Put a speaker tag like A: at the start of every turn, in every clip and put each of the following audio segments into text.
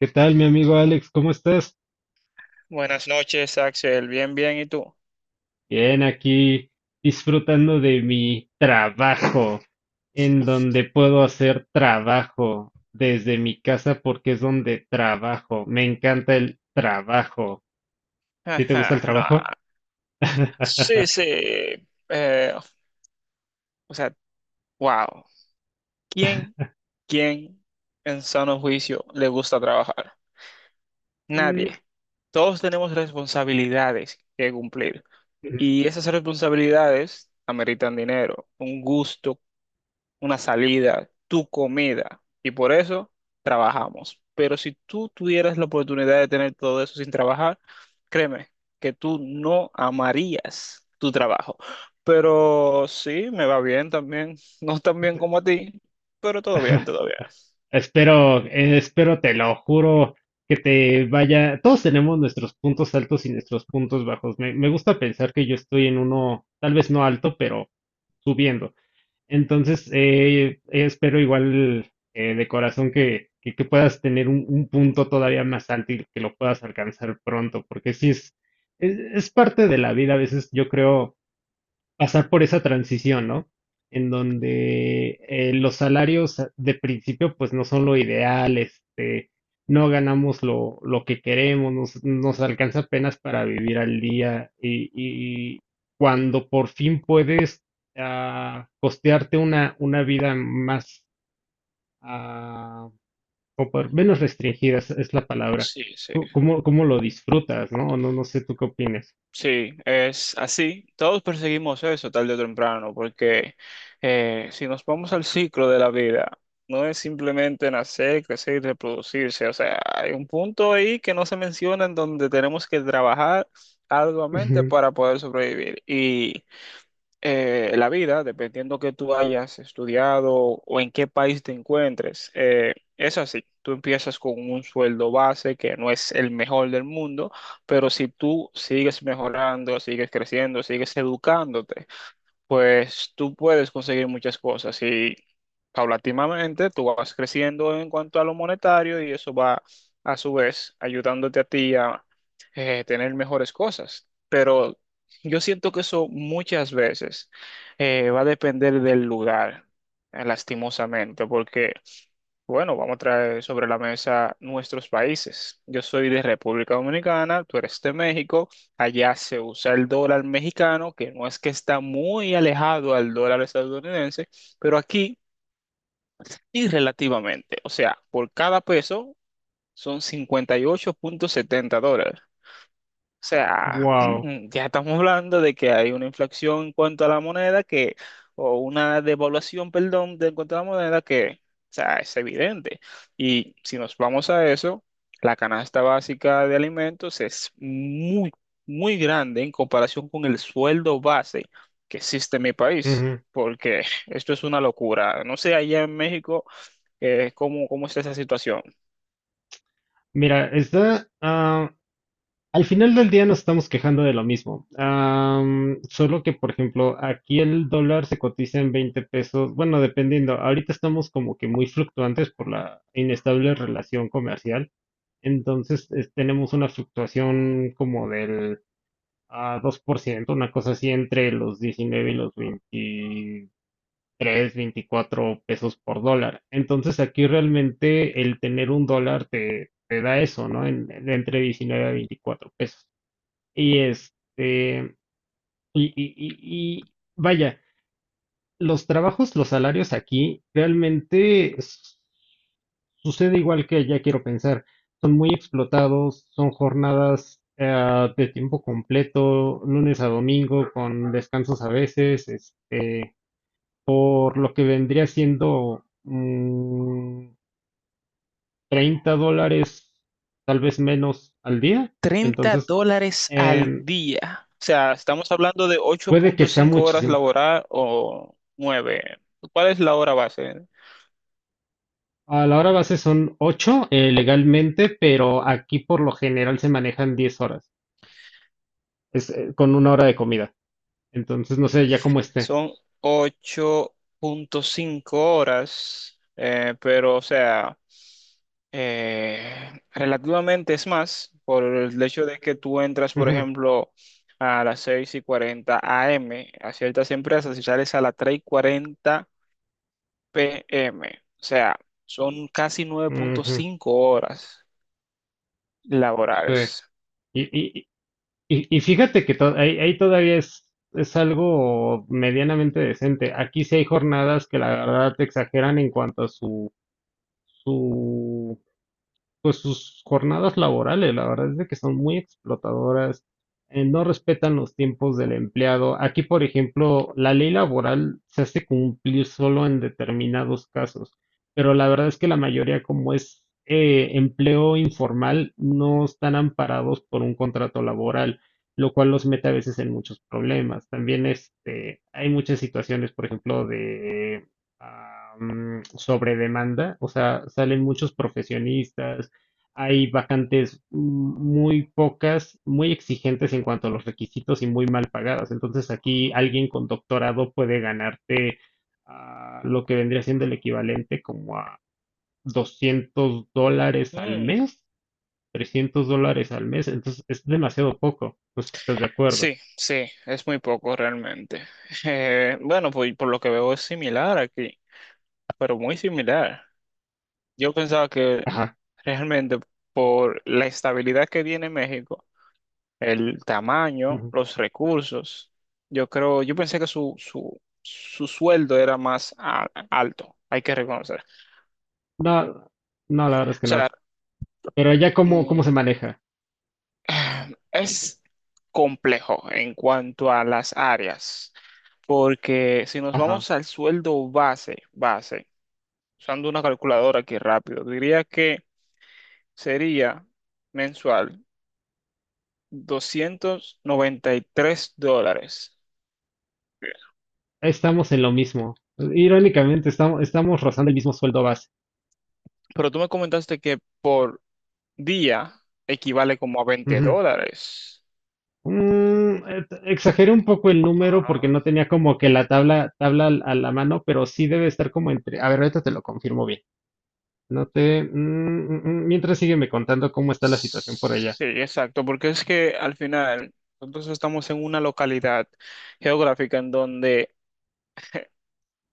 A: ¿Qué tal, mi amigo Alex? ¿Cómo estás?
B: Buenas noches, Axel. Bien, bien. ¿Y tú?
A: Bien, aquí disfrutando de mi trabajo, en donde puedo hacer trabajo desde mi casa porque es donde trabajo. Me encanta el trabajo. ¿A ti te gusta el
B: Ajá,
A: trabajo?
B: no. Sí, sí. Eh, o sea, wow. ¿Quién, quién en sano juicio le gusta trabajar?
A: Mm.
B: Nadie. Todos tenemos responsabilidades que cumplir. Y esas responsabilidades ameritan dinero, un gusto una salida, tu comida. Y por eso trabajamos. Pero si tú tuvieras la oportunidad de tener todo eso sin trabajar, créeme que tú no amarías tu trabajo. Pero sí, me va bien también. No tan bien como a ti, pero todo bien, todo bien.
A: Espero, te lo juro, que te vaya. Todos tenemos nuestros puntos altos y nuestros puntos bajos. Me gusta pensar que yo estoy en uno, tal vez no alto, pero subiendo. Entonces, espero igual de corazón que puedas tener un punto todavía más alto y que lo puedas alcanzar pronto, porque sí es parte de la vida. A veces yo creo pasar por esa transición, ¿no? En donde los salarios de principio pues no son lo ideal, no ganamos lo que queremos, nos alcanza apenas para vivir al día y cuando por fin puedes costearte una vida más, ah, como menos restringida, es la palabra.
B: Sí, sí.
A: ¿Cómo lo disfrutas, no? No, no sé tú qué opinas.
B: Sí, es así. Todos perseguimos eso tarde o temprano, porque si nos vamos al ciclo de la vida, no es simplemente nacer, crecer y reproducirse. O sea, hay un punto ahí que no se menciona en donde tenemos que trabajar arduamente para poder sobrevivir. Y la vida, dependiendo que tú hayas estudiado o en qué país te encuentres, es así. Tú empiezas con un sueldo base que no es el mejor del mundo, pero si tú sigues mejorando, sigues creciendo, sigues educándote, pues tú puedes conseguir muchas cosas y paulatinamente tú vas creciendo en cuanto a lo monetario y eso va a su vez ayudándote a ti a tener mejores cosas. Pero yo siento que eso muchas veces va a depender del lugar, lastimosamente, porque, bueno, vamos a traer sobre la mesa nuestros países. Yo soy de República Dominicana, tú eres de México. Allá se usa el dólar mexicano, que no es que está muy alejado al dólar estadounidense, pero aquí y relativamente. O sea, por cada peso son 58.70 dólares. O sea,
A: Wow.
B: ya estamos hablando de que hay una inflación en cuanto a la moneda que, o una devaluación, perdón, de en cuanto a la moneda que, o sea, es evidente. Y si nos vamos a eso, la canasta básica de alimentos es muy, muy grande en comparación con el sueldo base que existe en mi país, porque esto es una locura. No sé, allá en México, ¿Cómo está esa situación?
A: Mira, está, al final del día nos estamos quejando de lo mismo. Solo que, por ejemplo, aquí el dólar se cotiza en 20 pesos. Bueno, dependiendo. Ahorita estamos como que muy fluctuantes por la inestable relación comercial. Entonces, tenemos una fluctuación como del 2%, una cosa así entre los 19 y los 20, tres veinticuatro pesos por dólar. Entonces aquí realmente el tener un dólar te da eso, ¿no? Entre 19 a 24 pesos. Y y vaya, los trabajos, los salarios aquí realmente sucede igual que ya quiero pensar. Son muy explotados, son jornadas de tiempo completo, lunes a domingo, con descansos a veces, por lo que vendría siendo $30, tal vez menos al día.
B: 30
A: Entonces,
B: dólares
A: em,
B: al día. O sea, estamos hablando de ocho
A: puede que
B: punto
A: sea
B: cinco horas
A: muchísimo.
B: laboral o 9. ¿Cuál es la hora base?
A: A la hora base son 8 legalmente, pero aquí por lo general se manejan 10 horas, con una hora de comida. Entonces, no sé, ya cómo esté.
B: Son 8.5 horas, pero o sea, eh, relativamente es más por el hecho de que tú entras, por
A: Ujú,
B: ejemplo, a las seis y 40 AM a ciertas empresas y sales a las tres y cuarenta PM. O sea, son casi nueve punto
A: ujú,
B: cinco horas
A: sí.
B: laborales.
A: Y, y fíjate que ahí todavía es algo medianamente decente. Aquí sí hay jornadas que la verdad te exageran en cuanto a su pues sus jornadas laborales. La verdad es de que son muy explotadoras, no respetan los tiempos del empleado. Aquí, por ejemplo, la ley laboral se hace cumplir solo en determinados casos, pero la verdad es que la mayoría, como es empleo informal, no están amparados por un contrato laboral. Lo cual los mete a veces en muchos problemas. También hay muchas situaciones, por ejemplo, de sobre demanda, o sea, salen muchos profesionistas, hay vacantes muy pocas, muy exigentes en cuanto a los requisitos y muy mal pagadas. Entonces aquí alguien con doctorado puede ganarte lo que vendría siendo el equivalente como a $200 al
B: Mm,
A: mes, $300 al mes. Entonces es demasiado poco. Pues estás de acuerdo.
B: sí, sí, es muy poco realmente. Bueno, pues por lo que veo es similar aquí, pero muy similar. Yo pensaba que
A: Ajá.
B: realmente por la estabilidad que tiene México, el tamaño,
A: Ujú.
B: los recursos, yo creo, yo pensé que su sueldo era más alto, hay que reconocer.
A: No, no, la verdad es
B: O
A: que no.
B: sea,
A: Pero ¿allá cómo se
B: mm,
A: maneja?
B: Es complejo en cuanto a las áreas, porque si nos
A: Ajá.
B: vamos al sueldo base, base, usando una calculadora aquí rápido, diría que sería mensual 293 dólares.
A: Estamos en lo mismo. Irónicamente, estamos rozando el mismo sueldo base.
B: Pero tú me comentaste que por día equivale como a 20 dólares.
A: Exageré un poco el número porque
B: Ah,
A: no tenía como que la tabla a la mano, pero sí debe estar como entre. A ver, ahorita te lo confirmo bien. No te. Mientras sígueme contando cómo está la situación por allá.
B: sí, exacto, porque es que al final nosotros estamos en una localidad geográfica en donde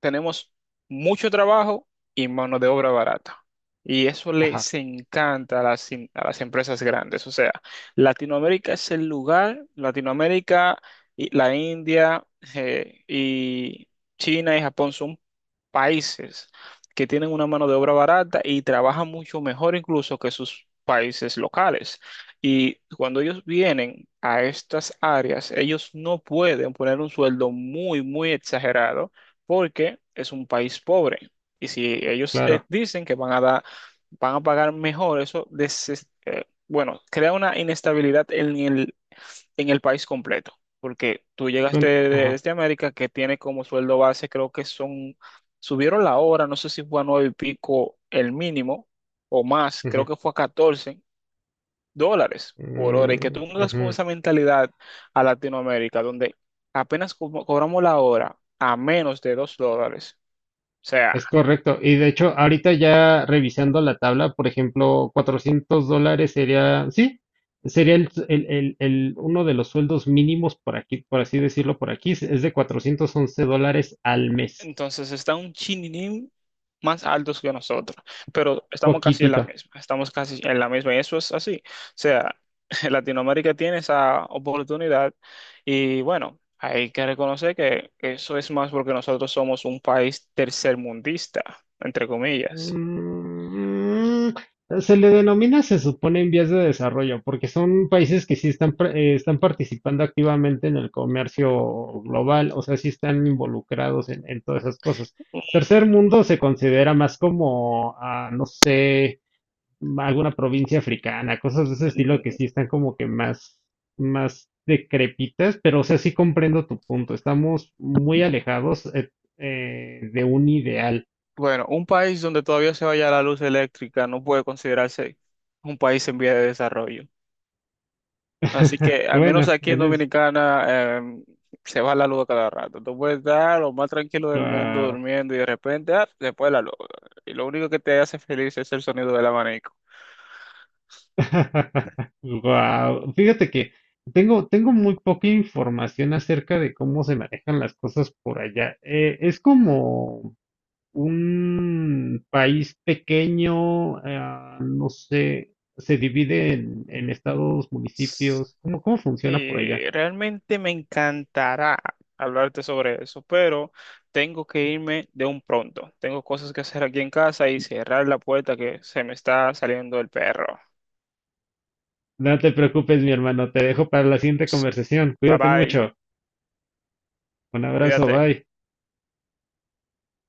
B: tenemos mucho trabajo y mano de obra barata. Y eso
A: Ajá,
B: les encanta a a las empresas grandes. O sea, Latinoamérica es el lugar, Latinoamérica, y la India y China y Japón son países que tienen una mano de obra barata y trabajan mucho mejor incluso que sus países locales. Y cuando ellos vienen a estas áreas, ellos no pueden poner un sueldo muy, muy exagerado porque es un país pobre. Y si ellos
A: claro.
B: dicen que van a dar, van a pagar mejor, eso, bueno, crea una inestabilidad en el país completo. Porque tú llegaste
A: Ajá,
B: desde América, que tiene como sueldo base, creo que son, subieron la hora, no sé si fue a nueve y pico el mínimo o más, creo
A: ujú,
B: que fue a 14 dólares por hora. Y que
A: mm,
B: tú mudas
A: ujú.
B: con esa mentalidad a Latinoamérica, donde apenas cobramos la hora a menos de 2 dólares o sea,
A: Es correcto. Y de hecho, ahorita ya revisando la tabla, por ejemplo, $400 sería, sí, sería uno de los sueldos mínimos por aquí, por así decirlo, por aquí, es de $411 al mes.
B: entonces está un chininín más altos que nosotros, pero estamos casi en la
A: Poquitito.
B: misma, estamos casi en la misma y eso es así. O sea, Latinoamérica tiene esa oportunidad y bueno, hay que reconocer que eso es más porque nosotros somos un país tercermundista, entre comillas.
A: Se le denomina, se supone, en vías de desarrollo, porque son países que sí están, están participando activamente en el comercio global, o sea, sí están involucrados en todas esas cosas. Tercer mundo se considera más como, no sé, alguna provincia africana, cosas de ese estilo que sí
B: Mm.
A: están como que más decrépitas, pero o sea, sí comprendo tu punto, estamos muy alejados, de un ideal.
B: Bueno, un país donde todavía se vaya la luz eléctrica no puede considerarse un país en vía de desarrollo. Así que al menos
A: Bueno,
B: aquí en
A: eres
B: Dominicana se va la luz a cada rato. Tú puedes estar lo más tranquilo del mundo
A: wow.
B: durmiendo y de repente, ah, se fue la luz. Y lo único que te hace feliz es el sonido del abanico.
A: Wow. Fíjate que tengo muy poca información acerca de cómo se manejan las cosas por allá. Es como un país pequeño, no sé, se divide en estados, municipios. ¿Cómo funciona por allá?
B: Sí, realmente me encantará hablarte sobre eso, pero tengo que irme de un pronto. Tengo cosas que hacer aquí en casa y cerrar la puerta que se me está saliendo el perro.
A: No te preocupes, mi hermano, te dejo para la siguiente conversación.
B: Bye
A: Cuídate
B: bye,
A: mucho. Un abrazo,
B: cuídate.
A: bye.